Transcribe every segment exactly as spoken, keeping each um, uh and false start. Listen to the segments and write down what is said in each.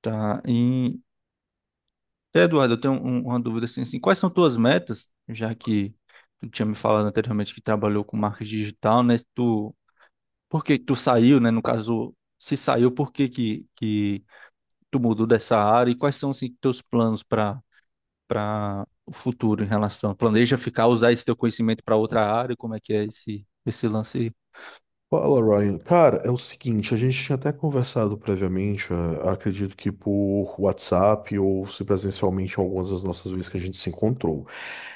Tá. E, Eduardo, eu tenho um- uma dúvida assim, assim, quais são tuas metas, já que tu tinha me falado anteriormente que trabalhou com marketing digital, né? Tu, por que que tu saiu, né? No caso, se saiu, por que que, que tu mudou dessa área e quais são assim, teus planos para para o futuro em relação? Planeja ficar, usar esse teu conhecimento para outra área? Como é que é esse esse lance aí? Fala, Ryan. Cara, é o seguinte, a gente tinha até conversado previamente, eh, acredito que por WhatsApp ou se presencialmente algumas das nossas vezes que a gente se encontrou.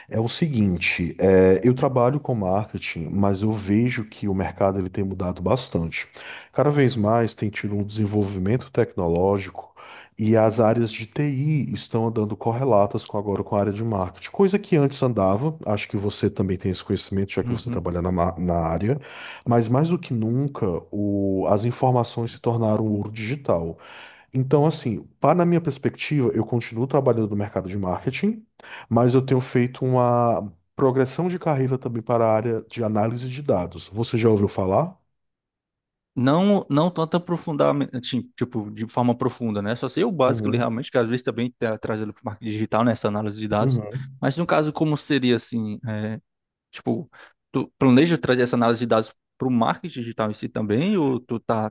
É o seguinte, eh, eu trabalho com marketing, mas eu vejo que o mercado ele tem mudado bastante. Cada vez mais tem tido um desenvolvimento tecnológico e as áreas de T I estão andando correlatas com agora com a área de marketing, coisa que antes andava. Acho que você também tem esse conhecimento, já que você Uhum. trabalha na, ma- na área. Mas mais do que nunca, o- as informações se tornaram ouro digital. Então, assim, para na minha perspectiva, eu continuo trabalhando no mercado de marketing, mas eu tenho feito uma progressão de carreira também para a área de análise de dados. Você já ouviu falar? Não, não tanto aprofundamento, assim, tipo, de forma profunda, né? Só sei o básico ali Uhum, realmente, que às vezes também tá trazendo para o marketing digital, né? Essa análise de dados. uhum. Mas no caso, como seria assim, é, tipo, tu planeja trazer essa análise de dados para o marketing digital em si também, ou tu tá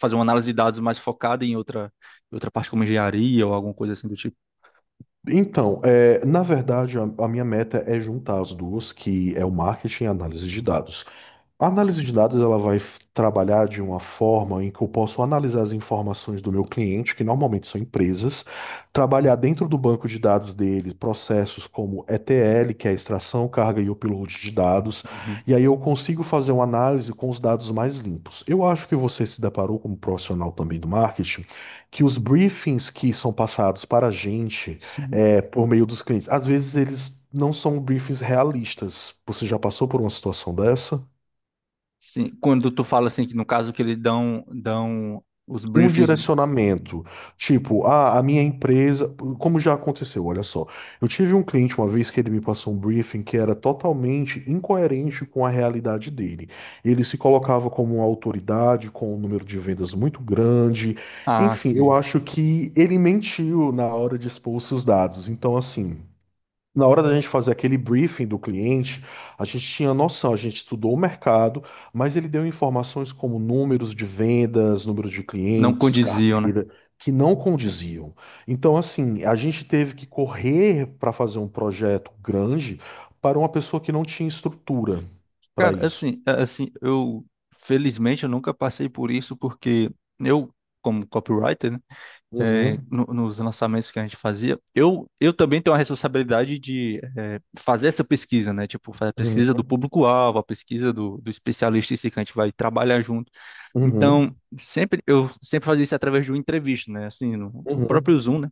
fazendo uma análise de dados mais focada em outra, em outra parte como engenharia ou alguma coisa assim do tipo? Então, é, na verdade, a, a minha meta é juntar as duas, que é o marketing e a análise de dados. A análise de dados ela vai f- trabalhar de uma forma em que eu posso analisar as informações do meu cliente, que normalmente são empresas, trabalhar dentro do banco de dados dele processos como E T L, que é a extração, carga e upload de dados, Uhum. e aí eu consigo fazer uma análise com os dados mais limpos. Eu acho que você se deparou como profissional também do marketing, que os briefings que são passados para a gente Sim. é, por meio dos clientes, às vezes eles não são briefings realistas. Você já passou por uma situação dessa? Sim. Quando tu fala assim, que no caso que eles dão, dão os Um briefings, direcionamento. Tipo, ah, a minha empresa. Como já aconteceu, olha só. Eu tive um cliente uma vez que ele me passou um briefing que era totalmente incoerente com a realidade dele. Ele se colocava como uma autoridade, com um número de vendas muito grande. ah, Enfim, eu sim, acho que ele mentiu na hora de expor os seus dados. Então, assim. Na hora da gente fazer aquele briefing do cliente, a gente tinha noção, a gente estudou o mercado, mas ele deu informações como números de vendas, número de não clientes, condiziam, né? carteira, que não condiziam. Então, assim, a gente teve que correr para fazer um projeto grande para uma pessoa que não tinha estrutura para Cara, isso. assim, a- assim, eu felizmente eu nunca passei por isso porque eu, como copywriter, né, é, Uhum, no- nos lançamentos que a gente fazia, eu, eu também tenho a responsabilidade de é, fazer essa pesquisa, né? Tipo, fazer a uhum, pesquisa do público-alvo, a pesquisa do, do especialista em si que a gente vai trabalhar junto. Então, uhum, sempre eu sempre fazia isso através de uma entrevista, né? Assim, no, no uhum, próprio Zoom, né?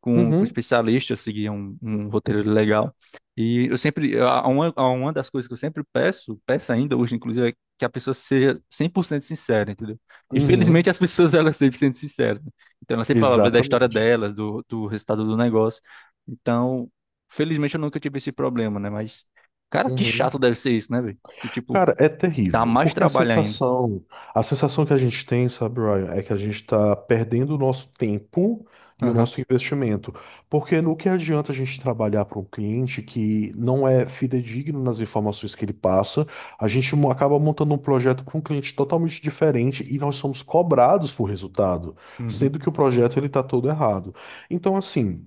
com, com uhum, especialistas, seguir um, um roteiro legal. E eu sempre, a- uma, a uma das coisas que eu sempre peço, peço ainda hoje, inclusive, é que a pessoa seja cem por cento sincera, entendeu? E felizmente uhum. as pessoas, elas sempre sendo sinceras. Né? Então, ela sempre falava da história Exatamente. delas, do, do resultado do negócio. Então, felizmente eu nunca tive esse problema, né? Mas, cara, que chato deve ser isso, né, velho? Que, tipo, Cara, é dá terrível, mais porque a trabalho ainda. sensação, a sensação que a gente tem, sabe, Ryan, é que a gente está perdendo o nosso tempo e o Aham. nosso investimento. Porque no que adianta a gente trabalhar para um cliente que não é fidedigno nas informações que ele passa, a gente mo- acaba montando um projeto com um cliente totalmente diferente e nós somos cobrados por resultado, Uhum. sendo que o projeto ele está todo errado. Então, assim.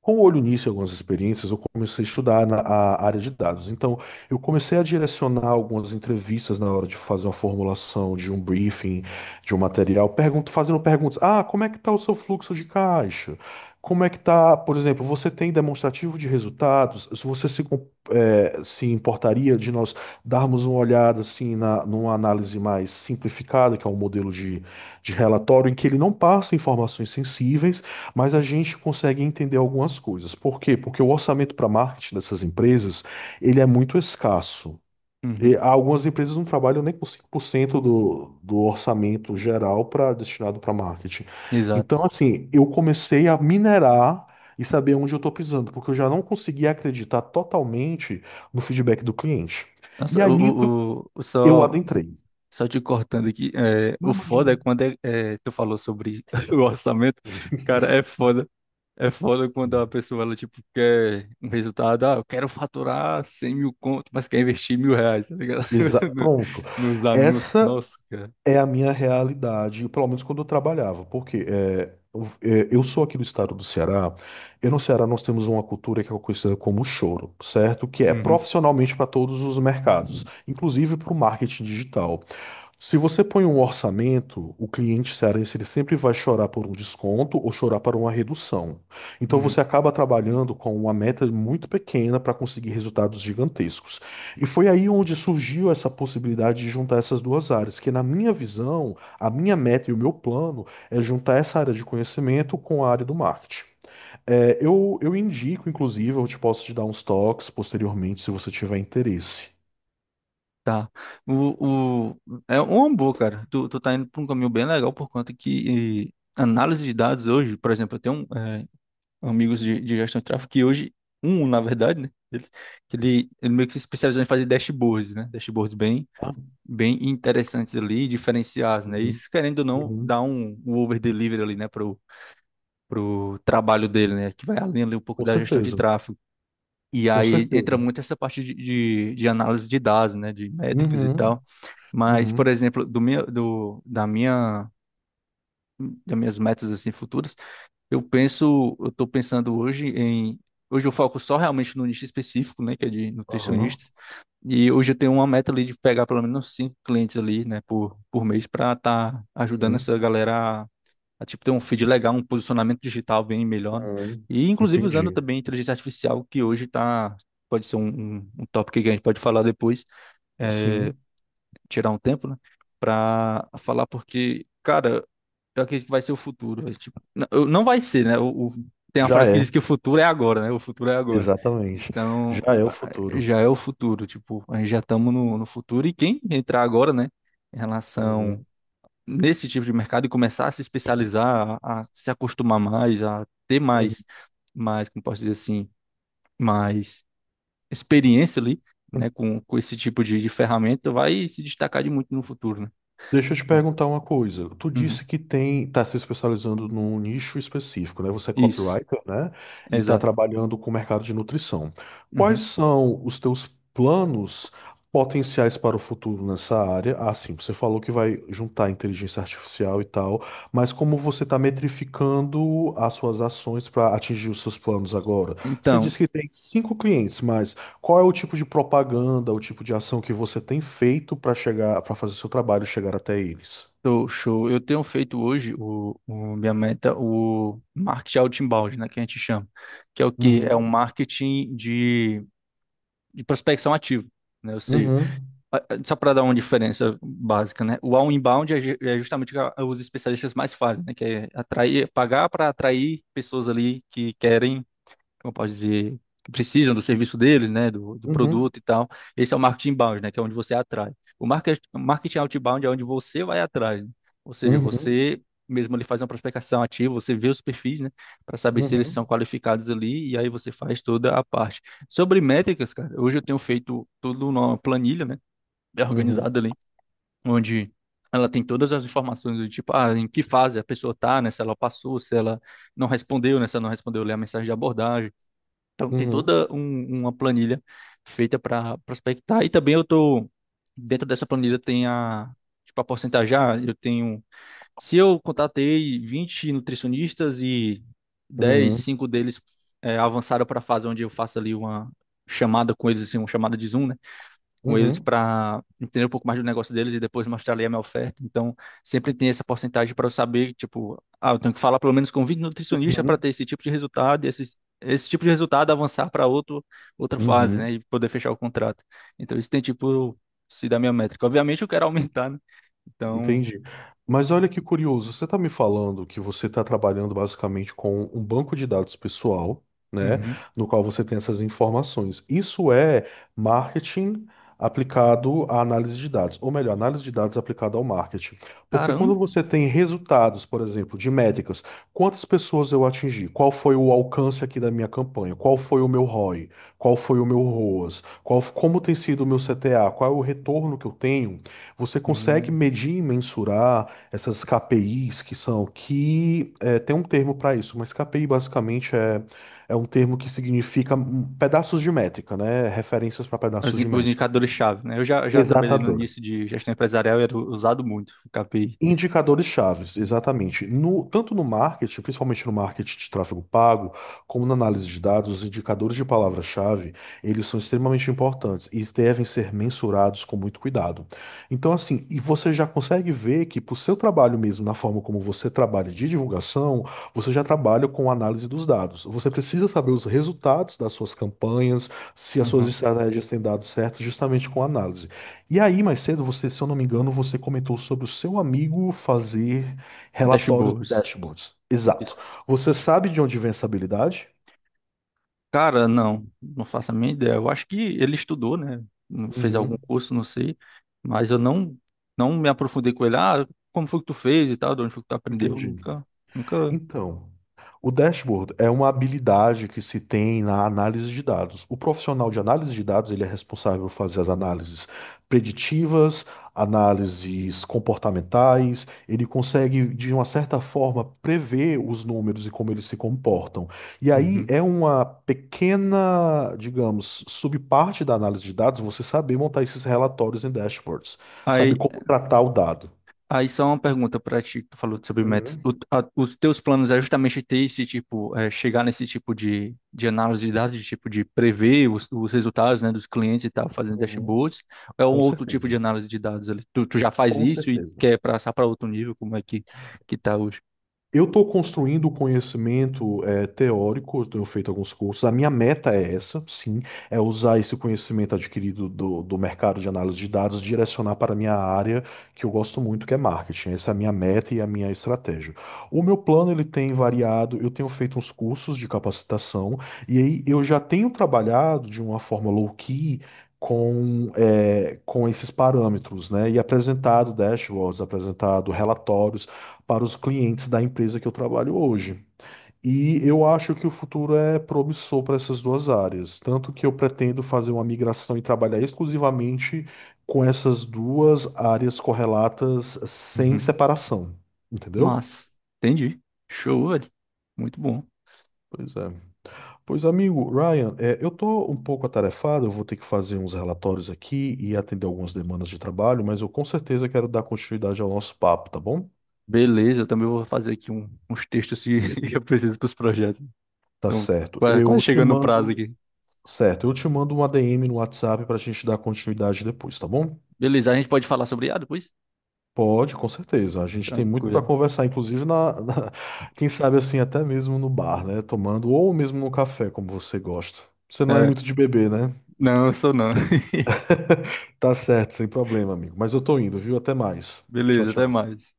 Com o olho nisso e algumas experiências, eu comecei a estudar na, a área de dados. Então, eu comecei a direcionar algumas entrevistas na hora de fazer uma formulação de um briefing, de um material, pergunto, fazendo perguntas. Ah, como é que está o seu fluxo de caixa? Como é que está, por exemplo, você tem demonstrativo de resultados? Se você se, com- eh, se importaria de nós darmos uma olhada assim na, numa análise mais simplificada, que é um modelo de, de relatório, em que ele não passa informações sensíveis, mas a gente consegue entender algumas coisas. Por quê? Porque o orçamento para marketing dessas empresas, ele é muito escasso. E Uhum. algumas empresas não trabalham nem com cinco por cento do, do orçamento geral para destinado para marketing. Exato. Então, assim, eu comecei a minerar e saber onde eu estou pisando, porque eu já não conseguia acreditar totalmente no feedback do cliente. E Nossa, aí, o, nisso, o, o- o- eu só adentrei. Só te cortando aqui, é, Não o foda é imagino. quando é, é, tu falou sobre o orçamento, cara, é foda. É foda quando a pessoa, ela, tipo, quer um resultado, ah, eu quero faturar cem mil conto, mas quer investir mil reais, tá ligado? Exa- No- Pronto. Nos anúncios, Essa nossa, cara. é a minha realidade, pelo menos quando eu trabalhava, porque é, eu é, eu sou aqui do estado do Ceará, e no Ceará nós temos uma cultura que é conhecida como choro, certo? Que é Uhum. profissionalmente para todos os mercados, inclusive para o marketing digital. Se você põe um orçamento, o cliente cearense ele sempre vai chorar por um desconto ou chorar por uma redução. Então você Uhum. acaba trabalhando com uma meta muito pequena para conseguir resultados gigantescos. E foi aí onde surgiu essa possibilidade de juntar essas duas áreas, que na minha visão, a minha meta e o meu plano é juntar essa área de conhecimento com a área do marketing. É, eu, eu indico, inclusive, eu te posso te dar uns toques posteriormente, se você tiver interesse. Tá. O, o, é uma boa, cara. Tu, tu tá indo por um caminho bem legal por conta que eh, análise de dados hoje, por exemplo, eu tenho um, eh, amigos de, de gestão de tráfego, que hoje, um, na verdade, né? Ele, que ele, ele meio que se especializou em fazer dashboards, né? Dashboards bem, Tá? bem interessantes ali, diferenciados, né? Uhum, Isso, querendo ou não, dá uhum. um, um over-delivery ali, né? Pro, pro trabalho dele, né? Que vai além ali um pouco Com da gestão de certeza. tráfego. E Com aí entra certeza. muito essa parte de, de, de análise de dados, né? De métricas e Uhum, tal. Mas, por uhum, exemplo, do meu, do, da minha das minhas metas assim futuras. Eu penso, eu estou pensando hoje em. Hoje eu foco só realmente no nicho específico, né, que é de aham, nutricionistas. E hoje eu tenho uma meta ali de pegar pelo menos cinco clientes ali, né, por, por mês, para estar tá ajudando uhum, essa galera a, a, tipo, ter um feed legal, um posicionamento digital bem melhor. Né? uhum. E inclusive usando Entendi. também inteligência artificial, que hoje tá, pode ser um, um, um tópico que a gente pode falar depois, é, Sim, tirar um tempo, né, para falar, porque, cara, eu acredito que vai ser o futuro. Velho. Tipo, não, eu- não vai ser, né? O, o- tem uma já frase que é, diz que o futuro é agora, né? O futuro é agora. exatamente. Então, Já o- é o a- futuro. já é o futuro. Tipo, a gente já estamos no, no futuro. E quem entrar agora, né? Em Uhum, relação nesse tipo de mercado e começar a se especializar, a, a se acostumar mais, a ter uhum. mais, mais, como posso dizer assim, mais experiência ali, né? Com, com esse tipo de, de ferramenta, vai se destacar de muito no futuro, né? Deixa eu te Então, perguntar uma coisa. Tu disse uhum. que tem, tá se especializando num nicho específico, né? Você é Isso, copywriter, né? E tá exato. trabalhando com o mercado de nutrição. Quais Uhum. são os teus planos potenciais para o futuro nessa área? Ah, sim, você falou que vai juntar inteligência artificial e tal, mas como você está metrificando as suas ações para atingir os seus planos agora? Você Então. disse que tem cinco clientes, mas qual é o tipo de propaganda, o tipo de ação que você tem feito para chegar, para fazer o seu trabalho chegar até eles? Show, show. Eu tenho feito hoje o, o- minha meta, o marketing outbound, né, que a gente chama, que é o que é um Uhum, marketing de, de prospecção ativa, né? Ou seja, uhum, a- a- só para dar uma diferença básica, né? O outbound é, ju- é justamente o que a- os especialistas mais fazem, né? Que é atrair, pagar para atrair pessoas ali que querem como eu posso dizer, que precisam do serviço deles, né, do, do uhum, produto e tal. Esse é o marketing inbound, né, que é onde você atrai. O market- o marketing outbound é onde você vai atrás, né? Ou seja, uhum, você mesmo ali faz uma prospecção ativa, você vê os perfis, né, para saber se eles são uhum, qualificados ali e aí você faz toda a parte. Sobre métricas, cara, hoje eu tenho feito tudo numa planilha, né, bem uhum, organizada ali, onde ela tem todas as informações do tipo, ah, em que fase a pessoa tá, né? Se ela passou, se ela não respondeu, né? Se ela não respondeu, lê a mensagem de abordagem, então, tem uhum, toda um- uma planilha feita para prospectar. E também eu tô dentro dessa planilha tem a tipo a porcentajar, eu tenho se eu contatei vinte nutricionistas e dez, uhum, cinco deles é, avançaram para a fase onde eu faço ali uma chamada com eles assim, uma chamada de Zoom, né? Com uhum, eles uhum, para entender um pouco mais do negócio deles e depois mostrar ali a minha oferta. Então, sempre tem essa porcentagem para eu saber, tipo, ah, eu tenho que falar pelo menos com vinte nutricionistas para uhum, ter esse tipo de resultado, e esse, esse tipo de resultado avançar para outro outra fase, né, uhum. e poder fechar o contrato. Então, isso tem tipo se da minha métrica. Obviamente eu quero aumentar, né? Então, Entendi. Mas olha que curioso, você está me falando que você está trabalhando basicamente com um banco de dados pessoal, né, uhum. no qual você tem essas informações. Isso é marketing aplicado à análise de dados, ou melhor, análise de dados aplicada ao marketing. Porque quando Caramba. você tem resultados, por exemplo, de métricas, quantas pessoas eu atingi? Qual foi o alcance aqui da minha campanha? Qual foi o meu R O I? Qual foi o meu R O A S? Qual, como tem sido o meu C T A? Qual é o retorno que eu tenho? Você consegue Hum. medir e mensurar essas K P Is que são, que é, tem um termo para isso, mas K P I basicamente é, é um termo que significa hum, pedaços de métrica, né? Referências para Os pedaços in- de os métrica. indicadores-chave, né? Eu já, já trabalhei no Exatamente. início de gestão empresarial e era usado muito o K P I. Indicadores chaves, exatamente. No- tanto no marketing, principalmente no marketing de tráfego pago, como na análise de dados, os indicadores de palavra-chave, eles são extremamente importantes e devem ser mensurados com muito cuidado. Então, assim, e você já consegue ver que para o seu trabalho mesmo, na forma como você trabalha de divulgação, você já trabalha com análise dos dados. Você precisa saber os resultados das suas campanhas, se as suas Uhum. estratégias têm dado certo, justamente com análise. E aí, mais cedo, você, se eu não me engano, você comentou sobre o seu amigo fazer relatórios e Dashboards. dashboards. Exato. Isso. Você sabe de onde vem essa habilidade? Cara, não, não faço a minha ideia. Eu acho que ele estudou, né? Fez algum Uhum, curso, não sei, mas eu não não me aprofundei com ele. Ah, como foi que tu fez e tal, de onde foi que tu aprendeu? entendi. Nunca, nunca. Então. O dashboard é uma habilidade que se tem na análise de dados. O profissional de análise de dados, ele é responsável por fazer as análises preditivas, análises comportamentais, ele consegue, de uma certa forma, prever os números e como eles se comportam. E aí Uhum. é uma pequena, digamos, subparte da análise de dados você saber montar esses relatórios em dashboards, saber Aí como tratar o dado. Aí só uma pergunta pra ti, que tu falou sobre metas. Uhum, O- a- os teus planos é justamente ter esse tipo, é, chegar nesse tipo de, de análise de dados, de tipo de prever os, os resultados, né, dos clientes e tal, fazendo uhum. dashboards, ou é um Com outro tipo de certeza. análise de dados ali? Tu, tu já faz Com isso e certeza. quer passar para outro nível, como é que, que tá hoje? Eu estou construindo o conhecimento eh, teórico, eu tenho feito alguns cursos. A minha meta é essa, sim, é usar esse conhecimento adquirido do, do mercado de análise de dados, direcionar para a minha área que eu gosto muito, que é marketing. Essa é a minha meta e a minha estratégia. O meu plano ele tem variado, eu tenho feito uns cursos de capacitação, e aí eu já tenho trabalhado de uma forma low-key. Com, eh, com esses parâmetros, né? E apresentado dashboards, apresentado relatórios, para os clientes da empresa que eu trabalho hoje. E eu acho que o futuro é promissor para essas duas áreas, tanto que eu pretendo fazer uma migração e trabalhar exclusivamente com essas duas áreas correlatas sem Uhum. separação, entendeu? Mas, entendi. Show, velho. Muito bom. Pois é. Pois, amigo, Ryan, é, eu tô um pouco atarefado, eu vou ter que fazer uns relatórios aqui e atender algumas demandas de trabalho, mas eu com certeza quero dar continuidade ao nosso papo, tá bom? Beleza, eu também vou fazer aqui um- uns textos que eu preciso para os projetos. Tá Então, certo. quase, quase Eu te chegando no prazo mando. aqui. Certo, eu te mando um A D M no WhatsApp para a gente dar continuidade depois, tá bom? Beleza, a gente pode falar sobre I A depois? Pode, com certeza. A gente tem muito para Tranquilo. conversar, inclusive na, na- quem sabe assim, até mesmo no bar, né? Tomando ou mesmo no café, como você gosta. Você não é É, muito de beber, né? não, eu sou não. Tá certo, sem problema, amigo. Mas eu tô indo, viu? Até mais. Tchau, Beleza, até tchau. mais.